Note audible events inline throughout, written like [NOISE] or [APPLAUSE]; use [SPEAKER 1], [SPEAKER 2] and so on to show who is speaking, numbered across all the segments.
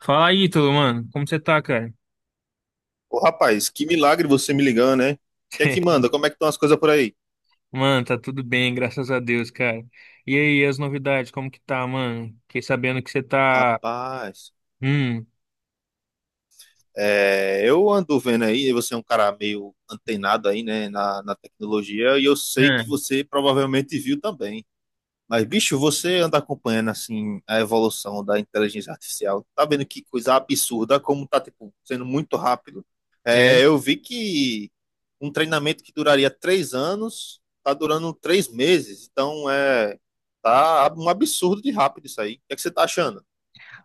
[SPEAKER 1] Fala aí, tudo, mano. Como você tá, cara?
[SPEAKER 2] Ô, rapaz, que milagre você me ligando, né? O que é que manda? Como é
[SPEAKER 1] [LAUGHS]
[SPEAKER 2] que estão as coisas por aí?
[SPEAKER 1] Mano, tá tudo bem, graças a Deus, cara. E aí, as novidades, como que tá, mano? Fiquei sabendo que você tá.
[SPEAKER 2] Rapaz,
[SPEAKER 1] Hum.
[SPEAKER 2] é, eu ando vendo aí, você é um cara meio antenado aí, né, na tecnologia, e eu sei que você provavelmente viu também. Mas, bicho, você anda acompanhando, assim, a evolução da inteligência artificial. Tá vendo que coisa absurda, como tá, tipo, sendo muito rápido.
[SPEAKER 1] É, é,
[SPEAKER 2] É, eu vi que um treinamento que duraria três anos tá durando três meses. Então, é... Tá um absurdo de rápido isso aí. O que é que você tá achando?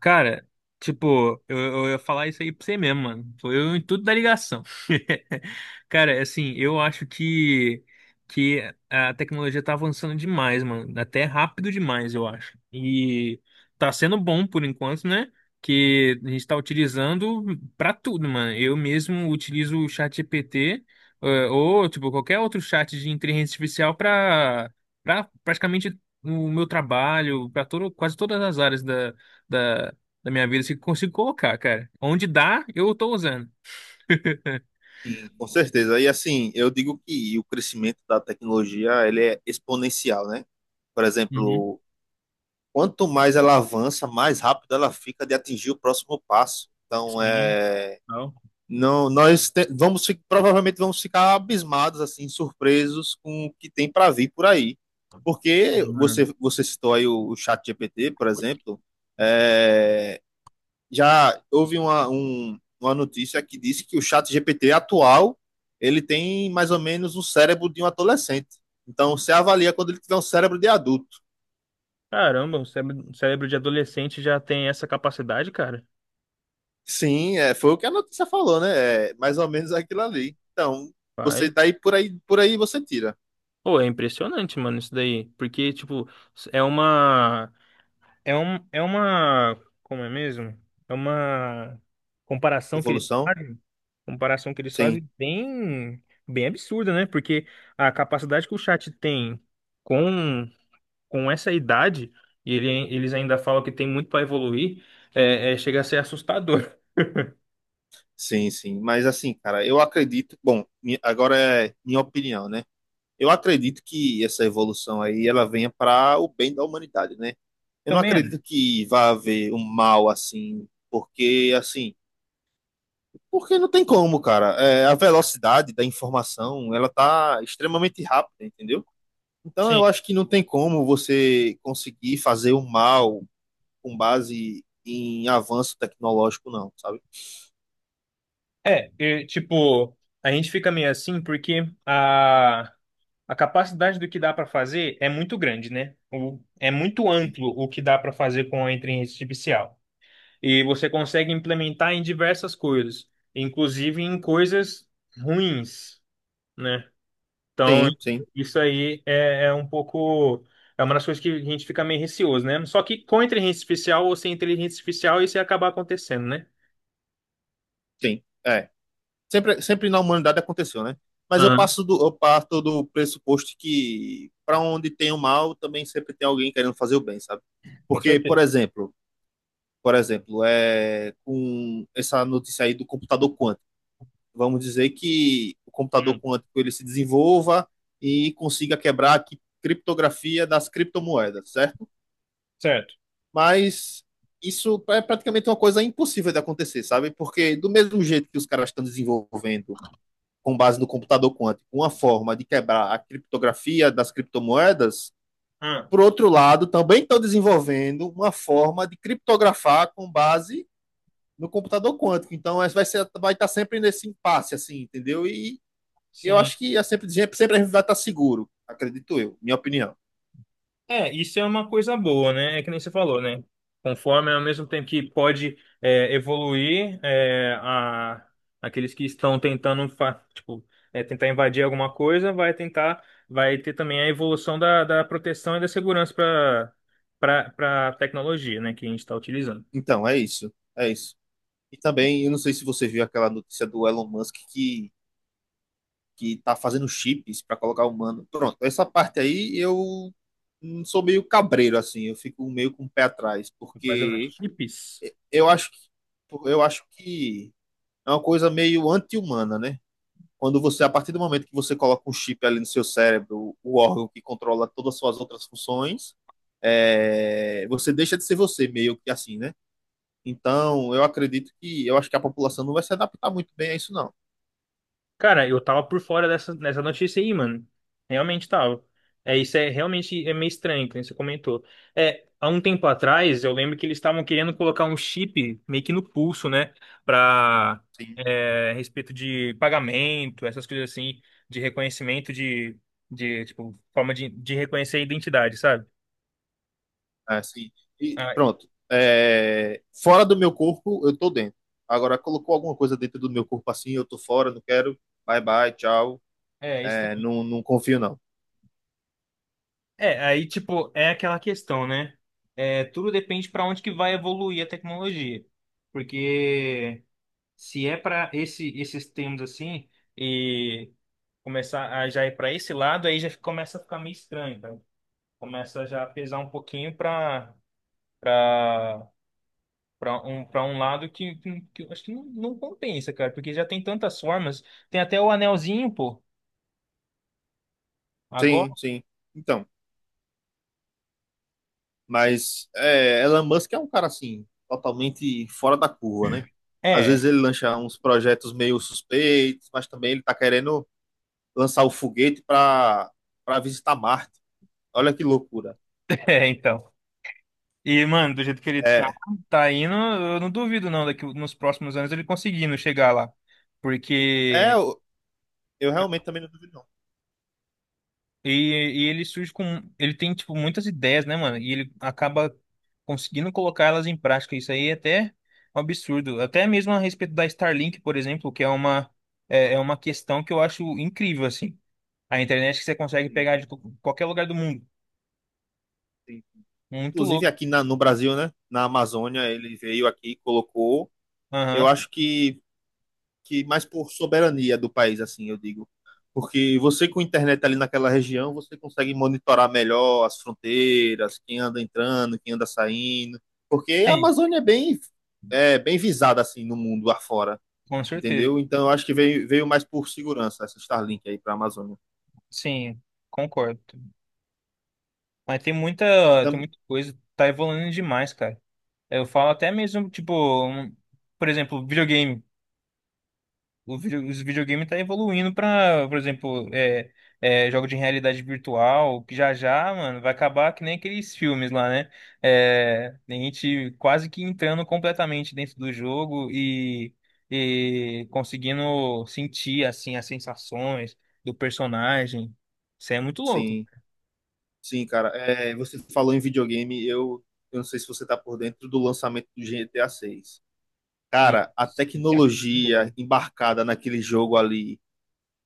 [SPEAKER 1] cara, tipo, eu ia falar isso aí pra você mesmo, mano. Foi eu em tudo da ligação. [LAUGHS] Cara, assim, eu acho que a tecnologia tá avançando demais, mano. Até rápido demais, eu acho. E tá sendo bom por enquanto, né? Que a gente tá utilizando pra tudo, mano. Eu mesmo utilizo o chat GPT, ou, tipo, qualquer outro chat de inteligência artificial pra praticamente o meu trabalho, pra todo, quase todas as áreas da da minha vida assim, que eu consigo colocar, cara. Onde dá, eu tô usando.
[SPEAKER 2] Sim, com certeza. E assim, eu digo que o crescimento da tecnologia ele é exponencial, né? Por
[SPEAKER 1] Uhum.
[SPEAKER 2] exemplo, quanto mais ela avança, mais rápido ela fica de atingir o próximo passo. Então,
[SPEAKER 1] Sim.
[SPEAKER 2] é,
[SPEAKER 1] Não.
[SPEAKER 2] não, nós te- vamos fi- provavelmente vamos ficar abismados, assim, surpresos com o que tem para vir por aí. Porque
[SPEAKER 1] Mano.
[SPEAKER 2] você citou aí o chat GPT, por exemplo, é, já houve uma notícia que disse que o chat GPT atual, ele tem mais ou menos o cérebro de um adolescente. Então, você avalia quando ele tiver um cérebro de adulto.
[SPEAKER 1] Caramba, o cérebro de adolescente já tem essa capacidade, cara.
[SPEAKER 2] Sim, é, foi o que a notícia falou, né? É mais ou menos aquilo ali. Então,
[SPEAKER 1] Vai.
[SPEAKER 2] você daí por aí você tira.
[SPEAKER 1] Pô, é impressionante, mano, isso daí. Porque, tipo, é uma. É um, é uma. Como é mesmo? É uma comparação que eles
[SPEAKER 2] Evolução?
[SPEAKER 1] fazem. Comparação que eles
[SPEAKER 2] Sim,
[SPEAKER 1] fazem bem, bem absurda, né? Porque a capacidade que o chat tem com com essa idade, e ele- eles ainda falam que tem muito para evoluir, é, é, chega a ser assustador. [LAUGHS]
[SPEAKER 2] sim, sim. Mas assim, cara, eu acredito. Bom, agora é minha opinião, né? Eu acredito que essa evolução aí ela venha para o bem da humanidade, né? Eu não
[SPEAKER 1] Também é.
[SPEAKER 2] acredito que vá haver um mal assim, porque não tem como, cara. É, a velocidade da informação, ela tá extremamente rápida, entendeu? Então,
[SPEAKER 1] Sim.
[SPEAKER 2] eu acho que não tem como você conseguir fazer o mal com base em avanço tecnológico, não, sabe?
[SPEAKER 1] É, e, tipo, a gente fica meio assim a capacidade do que dá para fazer é muito grande, né? É muito amplo o que dá para fazer com a inteligência artificial. E você consegue implementar em diversas coisas, inclusive em coisas ruins, né? Então,
[SPEAKER 2] Tem, tem,
[SPEAKER 1] isso aí é, é um pouco. É uma das coisas que a gente fica meio receoso, né? Só que com inteligência artificial ou sem inteligência artificial, isso ia acabar acontecendo, né?
[SPEAKER 2] tem. É. Sempre, sempre na humanidade aconteceu, né? Mas
[SPEAKER 1] Aham,
[SPEAKER 2] eu parto do pressuposto que para onde tem o mal, também sempre tem alguém querendo fazer o bem, sabe?
[SPEAKER 1] com
[SPEAKER 2] Porque,
[SPEAKER 1] certeza.
[SPEAKER 2] por exemplo, é com essa notícia aí do computador quântico. Vamos dizer que o computador
[SPEAKER 1] Hum,
[SPEAKER 2] quântico ele se desenvolva e consiga quebrar a criptografia das criptomoedas, certo?
[SPEAKER 1] certo.
[SPEAKER 2] Mas isso é praticamente uma coisa impossível de acontecer, sabe? Porque do mesmo jeito que os caras estão desenvolvendo com base no computador quântico uma forma de quebrar a criptografia das criptomoedas,
[SPEAKER 1] Ah,
[SPEAKER 2] por outro lado, também estão desenvolvendo uma forma de criptografar com base no computador quântico. Então, é, vai estar sempre nesse impasse, assim, entendeu? E eu
[SPEAKER 1] sim.
[SPEAKER 2] acho que sempre a gente vai estar seguro, acredito eu, minha opinião.
[SPEAKER 1] É, isso é uma coisa boa, né? É que nem você falou, né? Conforme ao mesmo tempo que pode é, evoluir é, a, aqueles que estão tentando tipo, é, tentar invadir alguma coisa, vai tentar, vai ter também a evolução da proteção e da segurança para tecnologia, né? Que a gente está utilizando.
[SPEAKER 2] Então, é isso. É isso. E também, eu não sei se você viu aquela notícia do Elon Musk que tá fazendo chips para colocar humano. Pronto, essa parte aí eu sou meio cabreiro, assim, eu fico meio com o pé atrás,
[SPEAKER 1] Mas é,
[SPEAKER 2] porque
[SPEAKER 1] chips.
[SPEAKER 2] eu acho que, eu acho que é uma coisa meio anti-humana, né? Quando você, a partir do momento que você coloca um chip ali no seu cérebro, o órgão que controla todas as suas outras funções, é, você deixa de ser você, meio que assim, né? Então, eu acho que a população não vai se adaptar muito bem a isso, não.
[SPEAKER 1] Cara, eu tava por fora dessa notícia aí, mano. Realmente tava. É, isso é realmente é meio estranho, que nem você comentou. É, há um tempo atrás, eu lembro que eles estavam querendo colocar um chip meio que no pulso, né? Pra,
[SPEAKER 2] Sim,
[SPEAKER 1] é, respeito de pagamento, essas coisas assim, de reconhecimento de tipo, forma de reconhecer a identidade, sabe?
[SPEAKER 2] é, sim. E
[SPEAKER 1] Ah,
[SPEAKER 2] pronto. É, fora do meu corpo, eu tô dentro. Agora, colocou alguma coisa dentro do meu corpo assim, eu tô fora, não quero, bye bye, tchau,
[SPEAKER 1] é, isso
[SPEAKER 2] é,
[SPEAKER 1] também.
[SPEAKER 2] não, não confio, não.
[SPEAKER 1] É, aí, tipo, é aquela questão, né? É, tudo depende para onde que vai evoluir a tecnologia. Porque, se é para esse, esses termos assim, e começar a já ir para esse lado, aí já começa a ficar meio estranho, tá? Começa já a pesar um pouquinho para para um lado que, que eu acho que não, não compensa, cara, porque já tem tantas formas. Tem até o anelzinho, pô. Agora.
[SPEAKER 2] Sim, sim. Então, mas é, Elon Musk é um cara assim, totalmente fora da curva, né? Às
[SPEAKER 1] É,
[SPEAKER 2] vezes ele lança uns projetos meio suspeitos, mas também ele tá querendo lançar o foguete para para visitar Marte. Olha que loucura.
[SPEAKER 1] [LAUGHS] é, então. E, mano, do jeito que
[SPEAKER 2] É,
[SPEAKER 1] tá indo, eu não duvido não daqui nos próximos anos ele conseguindo chegar lá.
[SPEAKER 2] é,
[SPEAKER 1] Porque
[SPEAKER 2] eu realmente também não duvido não.
[SPEAKER 1] E, e ele surge com. Ele tem, tipo, muitas ideias, né, mano? E ele acaba conseguindo colocar elas em prática. Isso aí é até um absurdo. Até mesmo a respeito da Starlink, por exemplo, que é uma, é, é uma questão que eu acho incrível, assim. A internet que você consegue
[SPEAKER 2] Tem-
[SPEAKER 1] pegar de qualquer lugar do mundo.
[SPEAKER 2] tem-
[SPEAKER 1] Muito
[SPEAKER 2] Inclusive
[SPEAKER 1] louco.
[SPEAKER 2] aqui no Brasil, né? Na Amazônia, ele veio aqui, colocou. Eu
[SPEAKER 1] Aham.
[SPEAKER 2] acho que mais por soberania do país, assim, eu digo. Porque você com internet ali naquela região, você consegue monitorar melhor as fronteiras, quem anda entrando, quem anda saindo. Porque a
[SPEAKER 1] Sim,
[SPEAKER 2] Amazônia é, bem visada, assim, no mundo afora,
[SPEAKER 1] com certeza.
[SPEAKER 2] entendeu? Então eu acho que veio, veio mais por segurança essa Starlink aí para a Amazônia.
[SPEAKER 1] Sim, concordo. Mas tem tem
[SPEAKER 2] Então,
[SPEAKER 1] muita coisa. Tá evoluindo demais, cara. Eu falo até mesmo, tipo, um- por exemplo, videogame. O vídeo, os videogames tá evoluindo para, por exemplo, é, jogo de realidade virtual, que já já, mano, vai acabar que nem aqueles filmes lá, né? É, a gente quase que entrando completamente dentro do jogo e conseguindo sentir, assim, as sensações do personagem. Isso é muito louco.
[SPEAKER 2] sim, sim, cara. É, você falou em videogame, eu não sei se você tá por dentro do lançamento do GTA 6. Cara, a
[SPEAKER 1] Nossa, que artigo,
[SPEAKER 2] tecnologia
[SPEAKER 1] velho.
[SPEAKER 2] embarcada naquele jogo ali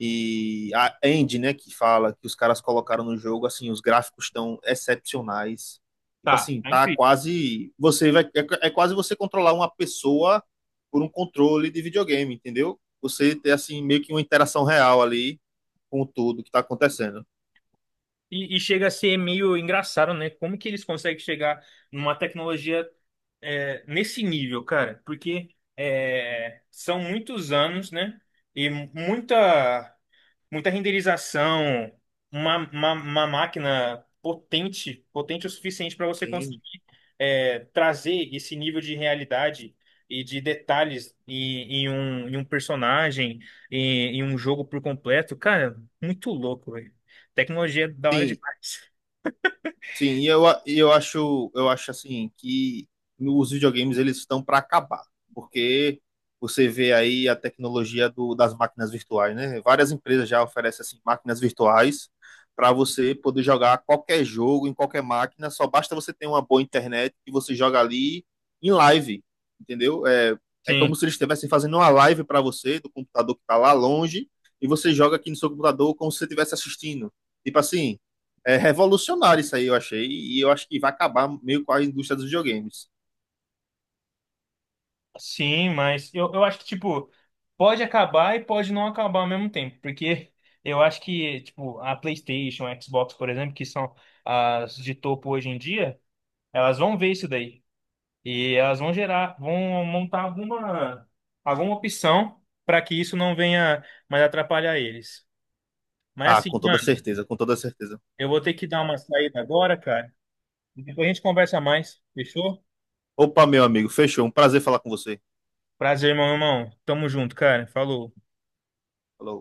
[SPEAKER 2] e a Andy, né, que fala que os caras colocaram no jogo, assim, os gráficos estão excepcionais. Tipo
[SPEAKER 1] Tá,
[SPEAKER 2] assim,
[SPEAKER 1] tá
[SPEAKER 2] tá
[SPEAKER 1] incrível.
[SPEAKER 2] quase é quase você controlar uma pessoa por um controle de videogame, entendeu? Você ter assim meio que uma interação real ali com tudo que tá acontecendo.
[SPEAKER 1] E chega a ser meio engraçado, né? Como que eles conseguem chegar numa tecnologia é, nesse nível, cara? Porque é, são muitos anos, né? E muita, muita renderização, uma máquina potente, potente o suficiente para você conseguir
[SPEAKER 2] Sim.
[SPEAKER 1] é, trazer esse nível de realidade e de detalhes em um personagem, em um jogo por completo. Cara, muito louco, tecnologia é da hora
[SPEAKER 2] Sim,
[SPEAKER 1] demais.
[SPEAKER 2] sim, e eu, e eu acho assim que os videogames eles estão para acabar, porque você vê aí a tecnologia das máquinas virtuais, né? Várias empresas já oferecem assim máquinas virtuais para você poder jogar qualquer jogo em qualquer máquina, só basta você ter uma boa internet e você joga ali em live, entendeu? É, é
[SPEAKER 1] Sim,
[SPEAKER 2] como se eles estivessem fazendo uma live para você do computador que está lá longe e você joga aqui no seu computador como se você estivesse assistindo. Tipo assim, é revolucionário isso aí, eu achei. E eu acho que vai acabar meio com a indústria dos videogames.
[SPEAKER 1] sim, mas eu acho que, tipo, pode acabar e pode não acabar ao mesmo tempo, porque eu acho que, tipo, a PlayStation, a Xbox, por exemplo, que são as de topo hoje em dia, elas vão ver isso daí. E elas vão gerar, vão montar alguma, alguma opção para que isso não venha mais atrapalhar eles. Mas
[SPEAKER 2] Ah,
[SPEAKER 1] assim,
[SPEAKER 2] com toda
[SPEAKER 1] mano,
[SPEAKER 2] certeza, com toda certeza.
[SPEAKER 1] eu vou ter que dar uma saída agora, cara. E depois a gente conversa mais, fechou?
[SPEAKER 2] Opa, meu amigo, fechou. Um prazer falar com você.
[SPEAKER 1] Prazer, meu irmão. Tamo junto, cara. Falou.
[SPEAKER 2] Falou.